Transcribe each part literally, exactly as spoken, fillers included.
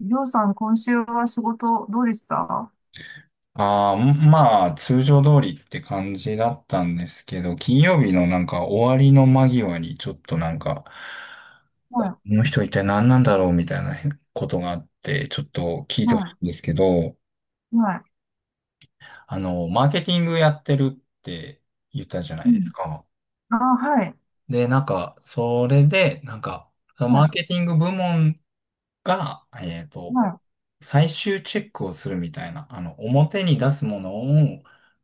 りょうさん、今週は仕事どうでした？はああ、まあ、通常通りって感じだったんですけど、金曜日のなんか終わりの間際にちょっとなんか、こい、の人一体何なんだろうみたいなことがあって、ちょっと聞いてほしはいんですけど、い、はあの、マーケティングやってるって言ったじゃない。ういですん。か。あ、はい、で、なんか、それで、なんか、そのはマーい、ケティング部門が、えっはと、い、最終チェックをするみたいな、あの、表に出すものを、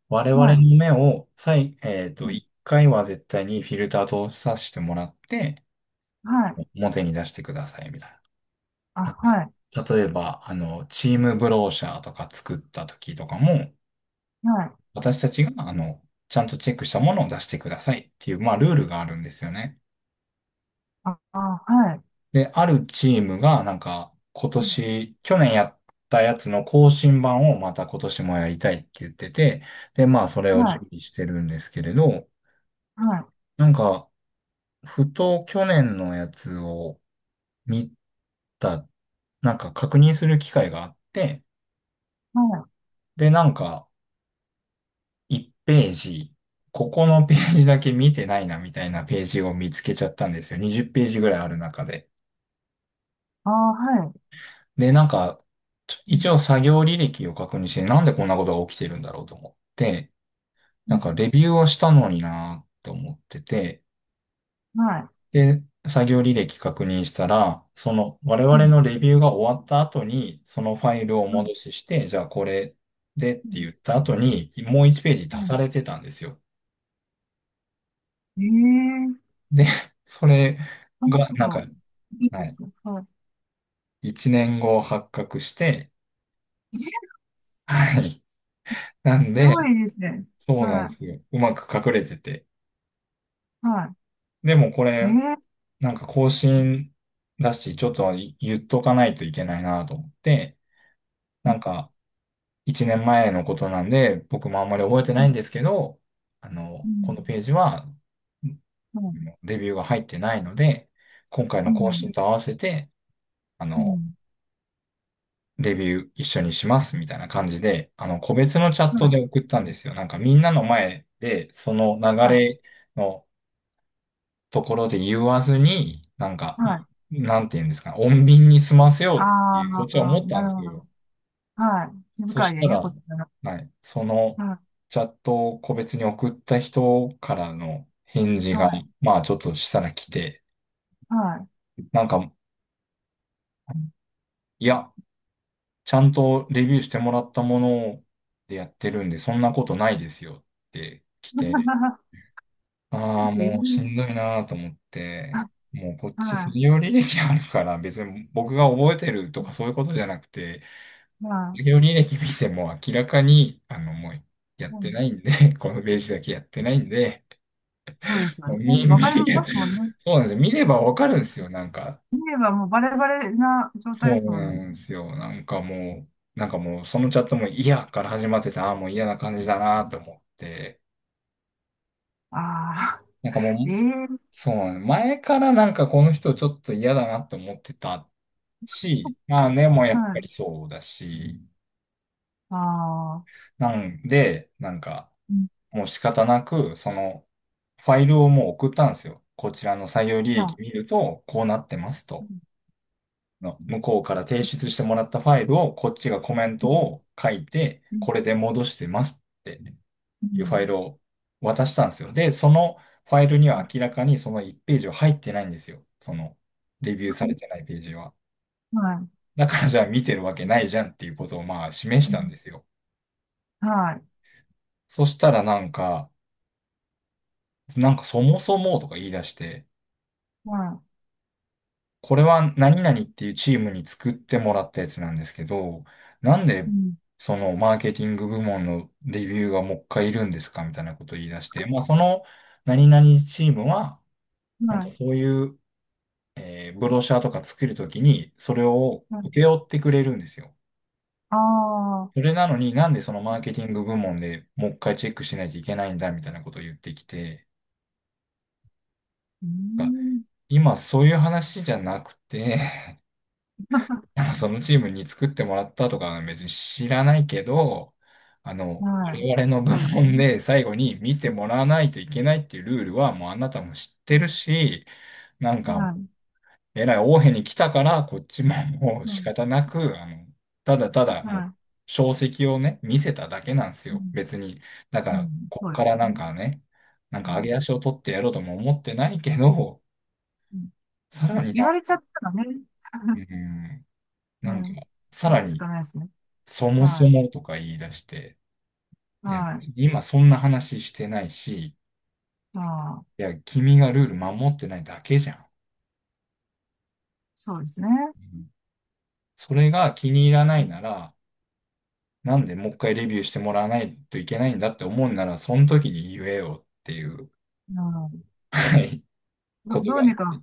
我は々い、の目を、最、えっうと、ん。一回は絶対にフィルターとさせてもらって、はい、表に出してください、みたいあ、な。なはい、んか、例えば、あの、チームブローシャーとか作った時とかも、はい、私たちが、あの、ちゃんとチェックしたものを出してくださいっていう、まあ、ルールがあるんですよね。あ、あ、はい、で、あるチームが、なんか、今うん。年、去年やったやつの更新版をまた今年もやりたいって言ってて、で、まあ、それをは準い、備してるんですけれど、はい、なんか、ふと去年のやつを見た、なんか確認する機会があって、はい、で、なんか、いちページ、ここのページだけ見てないなみたいなページを見つけちゃったんですよ。にじゅうページぐらいある中で。あ、はい、で、なんか、ちょう一ん、応作業履歴を確認して、なんでこんなことが起きてるんだろうと思って、うなんん。かレビューはしたのになーって思ってて、はい、で、作業履歴確認したら、その我う々ん、のレビューが終わった後に、そのファイルをおうん、戻しして、じゃあこれでっうてん。言った後に、もういちページう足さん。れてたんですよ。ええ。で、それそんなが、こなんか、と、いいはですい、か？はい。いちねんご発覚して、はい。なんすごで、いですね。そうなんではすよ。うまく隠れてて。い、はでもこれ、い。ええ。なんか更新だし、ちょっと言っとかないといけないなと思って、なうんかいちねんまえのことなんで、僕もあんまり覚えてん、ないんですけど、あうの、このん、ページは、うん、レビューが入ってないので、今回うの更新ん、と合わせて、あうの、ん。レビュー一緒にしますみたいな感じで、あの、個別のチャットでは送ったんですよ。なんかみんなの前で、その流い、はい、れのところで言わずに、なんか、はい。なんて言うんですか、穏便に済ませあようっていうこっちはあ、思ったなんでするほけど、ど。はい。気そ遣しいでたね、こら、っちから。はい、そのはチャットを個別に送った人からの返事い。が、はい。まあちょっとしたら来て、はい。なんか、いや、ちゃんとレビューしてもらったものでやってるんで、そんなことないですよって来て、ああ、もうしんどいええ。なと思って、あ、もうこっちは企業履歴あるから、別に僕が覚えてるとかそういうことじゃなくて、い。は企業履歴見ても明らかに、あの、もうやっい。うてん。ないんで、このページだけやってないんで、そうですよもうね。見、見、わかりますもんね。そうなんですよ。見ればわかるんですよ、なんか。見ればもうバレバレな状態そでうすもんなね。んですよ。なんかもう、なんかもうそのチャットも嫌から始まってた、ああ、もう嫌な感じだなと思って、ああ。なんかも えう、え。そう前からなんかこの人ちょっと嫌だなって思ってたし、まあね、もうやっはぱい。りそうだし、ああ、なんで、なんか、うん。もう仕方なく、その、ファイルをもう送ったんですよ。こちらの採用履歴は見ると、こうなってますい。うと。ん。の向こうから提出してもらったファイルを、こっちがコメンうトん。を書いて、これで戻してますってういうファイん。ルを渡したんですよ。で、そのファイルにはう明らかにそのいちページは入ってないんですよ。その、レビューされてないページは。ん。はだからじゃあ見てるわけい。ないじゃんっていうことをまあ示しうたんん。ですよ。はい。そしたらなんか、なんかそもそもとか言い出して、はこれは何々っていうチームに作ってもらったやつなんですけど、なんい。でうん。そのマーケティング部門のレビューがもう一回いるんですかみたいなことを言い出して、まあその何々チームは、なんはかい。そういう、えーブロシャーとか作るときに、それをは請い。け負ってくれるんですよ。ああ、それなのになんでそのマーケティング部門でもう一回チェックしないといけないんだみたいなことを言ってきて、うがん。今そういう話じゃなくてなんかそのチームに作ってもらったとかは別に知らないけど、あの、はい。我々の部そうです門ね。で最後に見てもらわないといけないっていうルールはもうあなたも知っうてるん。し、なんか、はえらい大変に来たから、こっちももうい。は仕方い。なく、あの、ただただもう、は証跡をね、見せただけなんですい。うよ。ん。別に。だかうら、ん。こっそうでからすなんね。かね、なんか上はげい。足を取ってやろうとも思ってないけど、うん。さらまあ、に言な、われちゃったらね、うん、うなんか、ん。さやらるしにかないですね。そもそはもとか言い出して、い。いや、はい。今そんな話してないし、まあ、いや、君がルール守ってないだけじゃん。そうですね。うん、それが気に入らなういん。なら、なんでもう一回レビューしてもらわないといけないんだって思うなら、その時に言えよっていううん。はいど、ことどが、うにか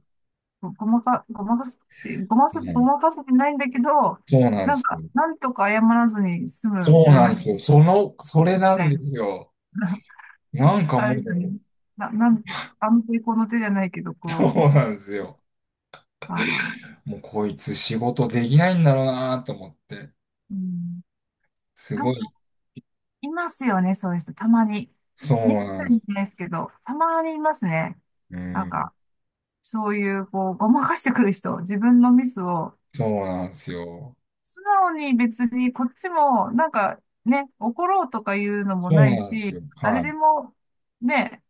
ご、ごまか、ごまかすって、ごまうかす、ごん、まかせてないんだけど、そうなんでなんすか、よ。なんとか謝らずに済そむうようなんでなすよ。その、それみなたんいでな。すよ。なんかあれもですよう、ね。な、なん、安定この手じゃないけど、そこうなんですよ。う、ああ、もうこいつ仕事できないんだろうなと思って、うん。す考ごい、いますよね、そういう人。たまに。そうめっなんたでにいす。ないですけど、たまにいますね。うなんん、か、そういう、こう、ごまかしてくる人、自分のミスを、そうなんですよ。素直に別にこっちも、なんかね、怒ろうとかいうのもそうないなんですし、よ。は誰い。でも、ね、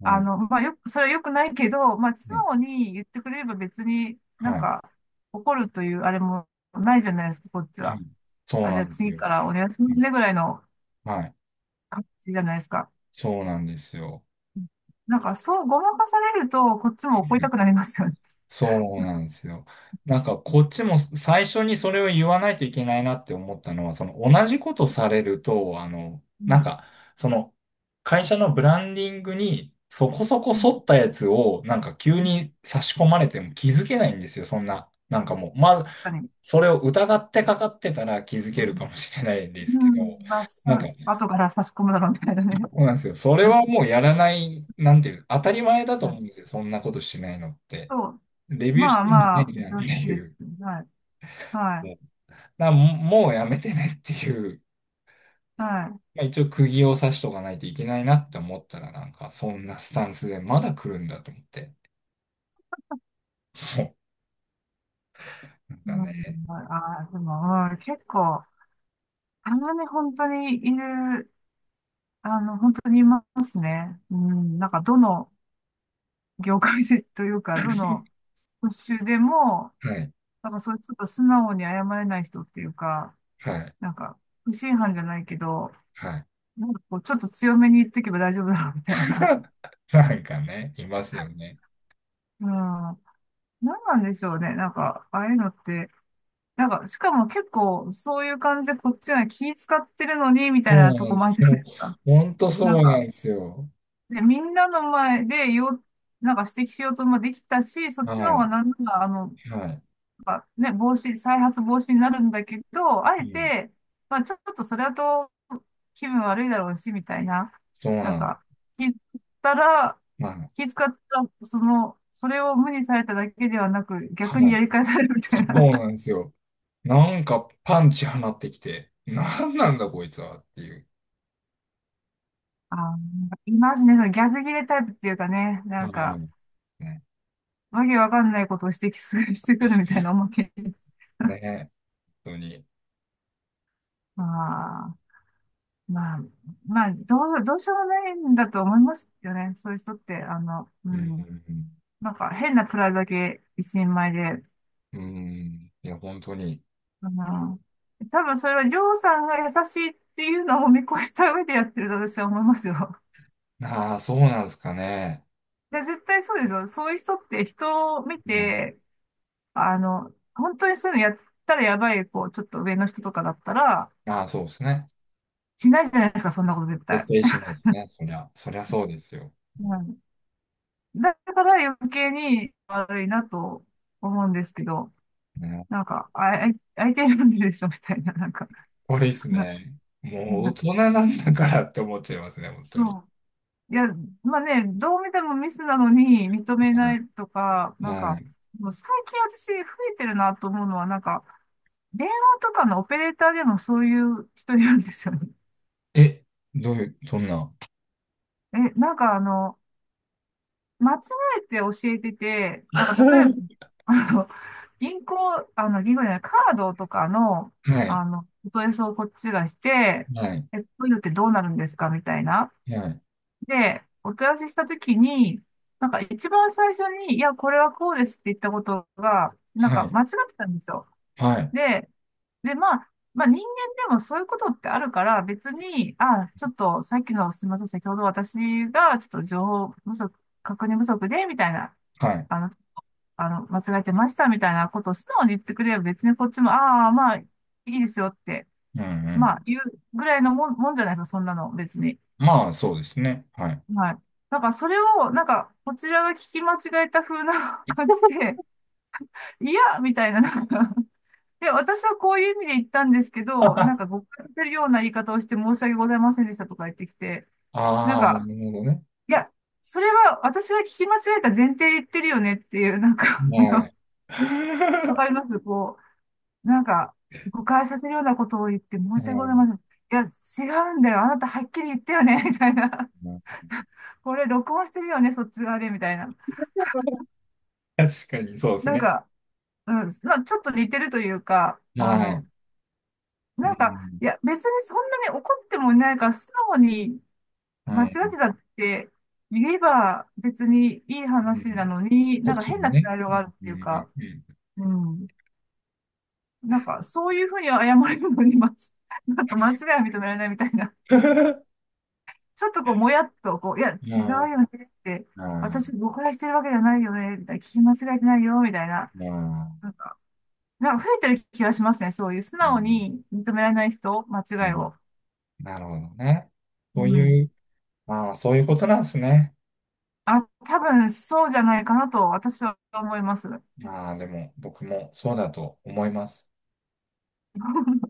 うあん。の、まあ、よく、それは良くないけど、まあ、素ね。直に言ってくれれば別になんはい。か、怒るというあれもないじゃないですか、こっちはは。い。そうあ、じなゃあんです次よ。からお願いしまはすい。ね、ぐらいのはい、感じじゃないですか。そうなんですよ。なんか、そう、ごまかされると、こっちも怒りたくなりますよね。そうなんですよ。なんかこっちも最初にそれを言わないといけないなって思ったのは、その同じことされると、あの、うなん。んか、その会社のブランディングにそこそこうん。沿ったやつをなんか急に差し込まれても気づけないんですよ、そんな。なんかもう、まず、確かに。それを疑ってかかってたら気づけるかもしれないんでうすけん。うん、ど、まあ、なんさ、か、後から差し込むだろうみたいなそね。うなんですよ。それはも うやらない、なんていう、当たり前だとは思うい。んですよ、そんなことしないのって。そう。レビューしまあてみまねえあ、じゃんって常識いです。う。はい。はもう、だからももうやめてねっていう、い。はい。まあ、一応釘を刺しとかないといけないなって思ったら、なんかそんなスタンスでまだ来るんだと思って。もうなんうかん、ね、ああ、でも、うん、結構、たまに本当にいる、あの、本当にいますね。うん、なんか、どの業界でというか、どの職種でも、はい、なんかそういうちょっと素直に謝れない人っていうか、はい、なんか、不審犯じゃないけど、はい。なんかこう、ちょっと強めに言っとけば大丈夫だろうみたいな。なんかね、いますよね。うん。何なんでしょうね。なんか、ああいうのって、なんか、しかも結構、そういう感じでこっちが気使ってるのに、みたそいなうとなんこでもあるす。じゃそないう、ですか。ほんとそなんうなんか、ですよ。で、みんなの前でよ、なんか指摘しようともできたし、そっはちの方い、がなんなら、あの、はい。まあね、防止、再発防止になるんだけど、あえうん、て、まあ、ちょっとそれだと気分悪いだろうし、みたいな。そうなんなん、か、気づったら、ま気遣ったら、その、それを無にされただけではなく、あ、逆はにやい。り返されるみたそいな。う なんですよ。なんかパンチ放ってきて、なんなんだこいつはっていう。あー、なんかいますね。その逆ギレタイプっていうかね、あなんあ、か、ね、わけわかんないことを指摘する、してくるみたいなおまけに。ね、本当に。まあ、まあ、まあ、どう、どうしようもないんだと思いますよね。そういう人って、あの、ううん、うん。ん、なんか変なプライドだけ一人前で、うん、うん、いや、本当に。あの、多分それはりょうさんが優しいっていうのを見越した上でやってると私は思いますよ。ああ、そうなんですかね。で、絶対そうですよ。そういう人って人を見うん、て、あの、本当にそういうのやったらやばい、こう、ちょっと上の人とかだったら、ああ、そうですね。しないじゃないですか、そんなこと絶絶対。対しないですね。そりゃ、そりゃそうですよ。うん、だから余計に悪いなと思うんですけど、ね、なんか、あ、あい相手選んでるでしょ、みたいな、なんか、これいいです なね。もう大な人なんだからって思っちゃいますね、本当に。そう。いや、まあね、どう見てもミスなのに認めなはいとか、い。なんか、はい、もう最近私増えてるなと思うのは、なんか、電話とかのオペレーターでもそういう人いるんですよね。え、どういう、そんな。え、なんかあの、間違えて教えてて、なんか例えば、は あの、銀行、あの、銀行じゃない、カードとかの、い、あの、お問い合わせをこっちがして、はい、え、こういうのってどうなるんですかみたいな。はい、で、お問い合わせしたときに、なんか一番最初に、いや、これはこうですって言ったことが、なんはかい、間違ってたんですよ。はい、で、で、まあ、まあ人間でもそういうことってあるから、別に、あ、ちょっとさっきの、すみません、先ほど私がちょっと情報不足、確認不足で、みたいな、はい。あの、あの、間違えてました、みたいなことを素直に言ってくれれば、別にこっちも、ああ、まあ、いいですよって、うん、うん。まあ、言うぐらいのもん、もんじゃないですか、そんなの、別に。まあ、そうですね。はい。はい。なんかそれを、なんか、こちらが聞き間違えた風な 感じで、いや、みたいな、なんかで、私はこういう意味で言ったんですけど、なん あか誤解してるような言い方をして申し訳ございませんでしたとか言ってきて、なんあ、か、なるほどね。いや、それは私が聞き間違えた前提で言ってるよねっていう、なんか、あはい。の、わ かりますこう、なんか、誤解させるようなことを言って申うし訳ございまん、せん。いや、違うんだよ。あなたはっきり言ったよね、みたいな。これ録音してるよね、そっち側で、みたいな。確かにそうですなんね。か、うん、まあ、ちょっと似てるというか、あはい。の、うなんか、ん、いや、別にそんなに怒ってもいないから、素直に間は違い。ってたって言えば別にいいう話なん、のに、こなっんかち変もなプね。ライドうがん、あるっうてん、いうか、ううん。なんか、そういうふうに謝れるのに、まつ、なんか間違いは認められないみたいな、ん。ちょっとこう、もやっと、こう、いや、違うまあ、よねって、まあ、私誤解してるわけじゃないよね、みたいな、聞き間違えてないよ、みたいな。まなあ、んか、なんか増えてる気がしますね、そういう素う直ん、に認められない人、間う違いん。を。なるほどね。うそうん。いう、まあ、そういうことなんですね。あ、多分そうじゃないかなと私は思います。まあ、でも、僕もそうだと思います。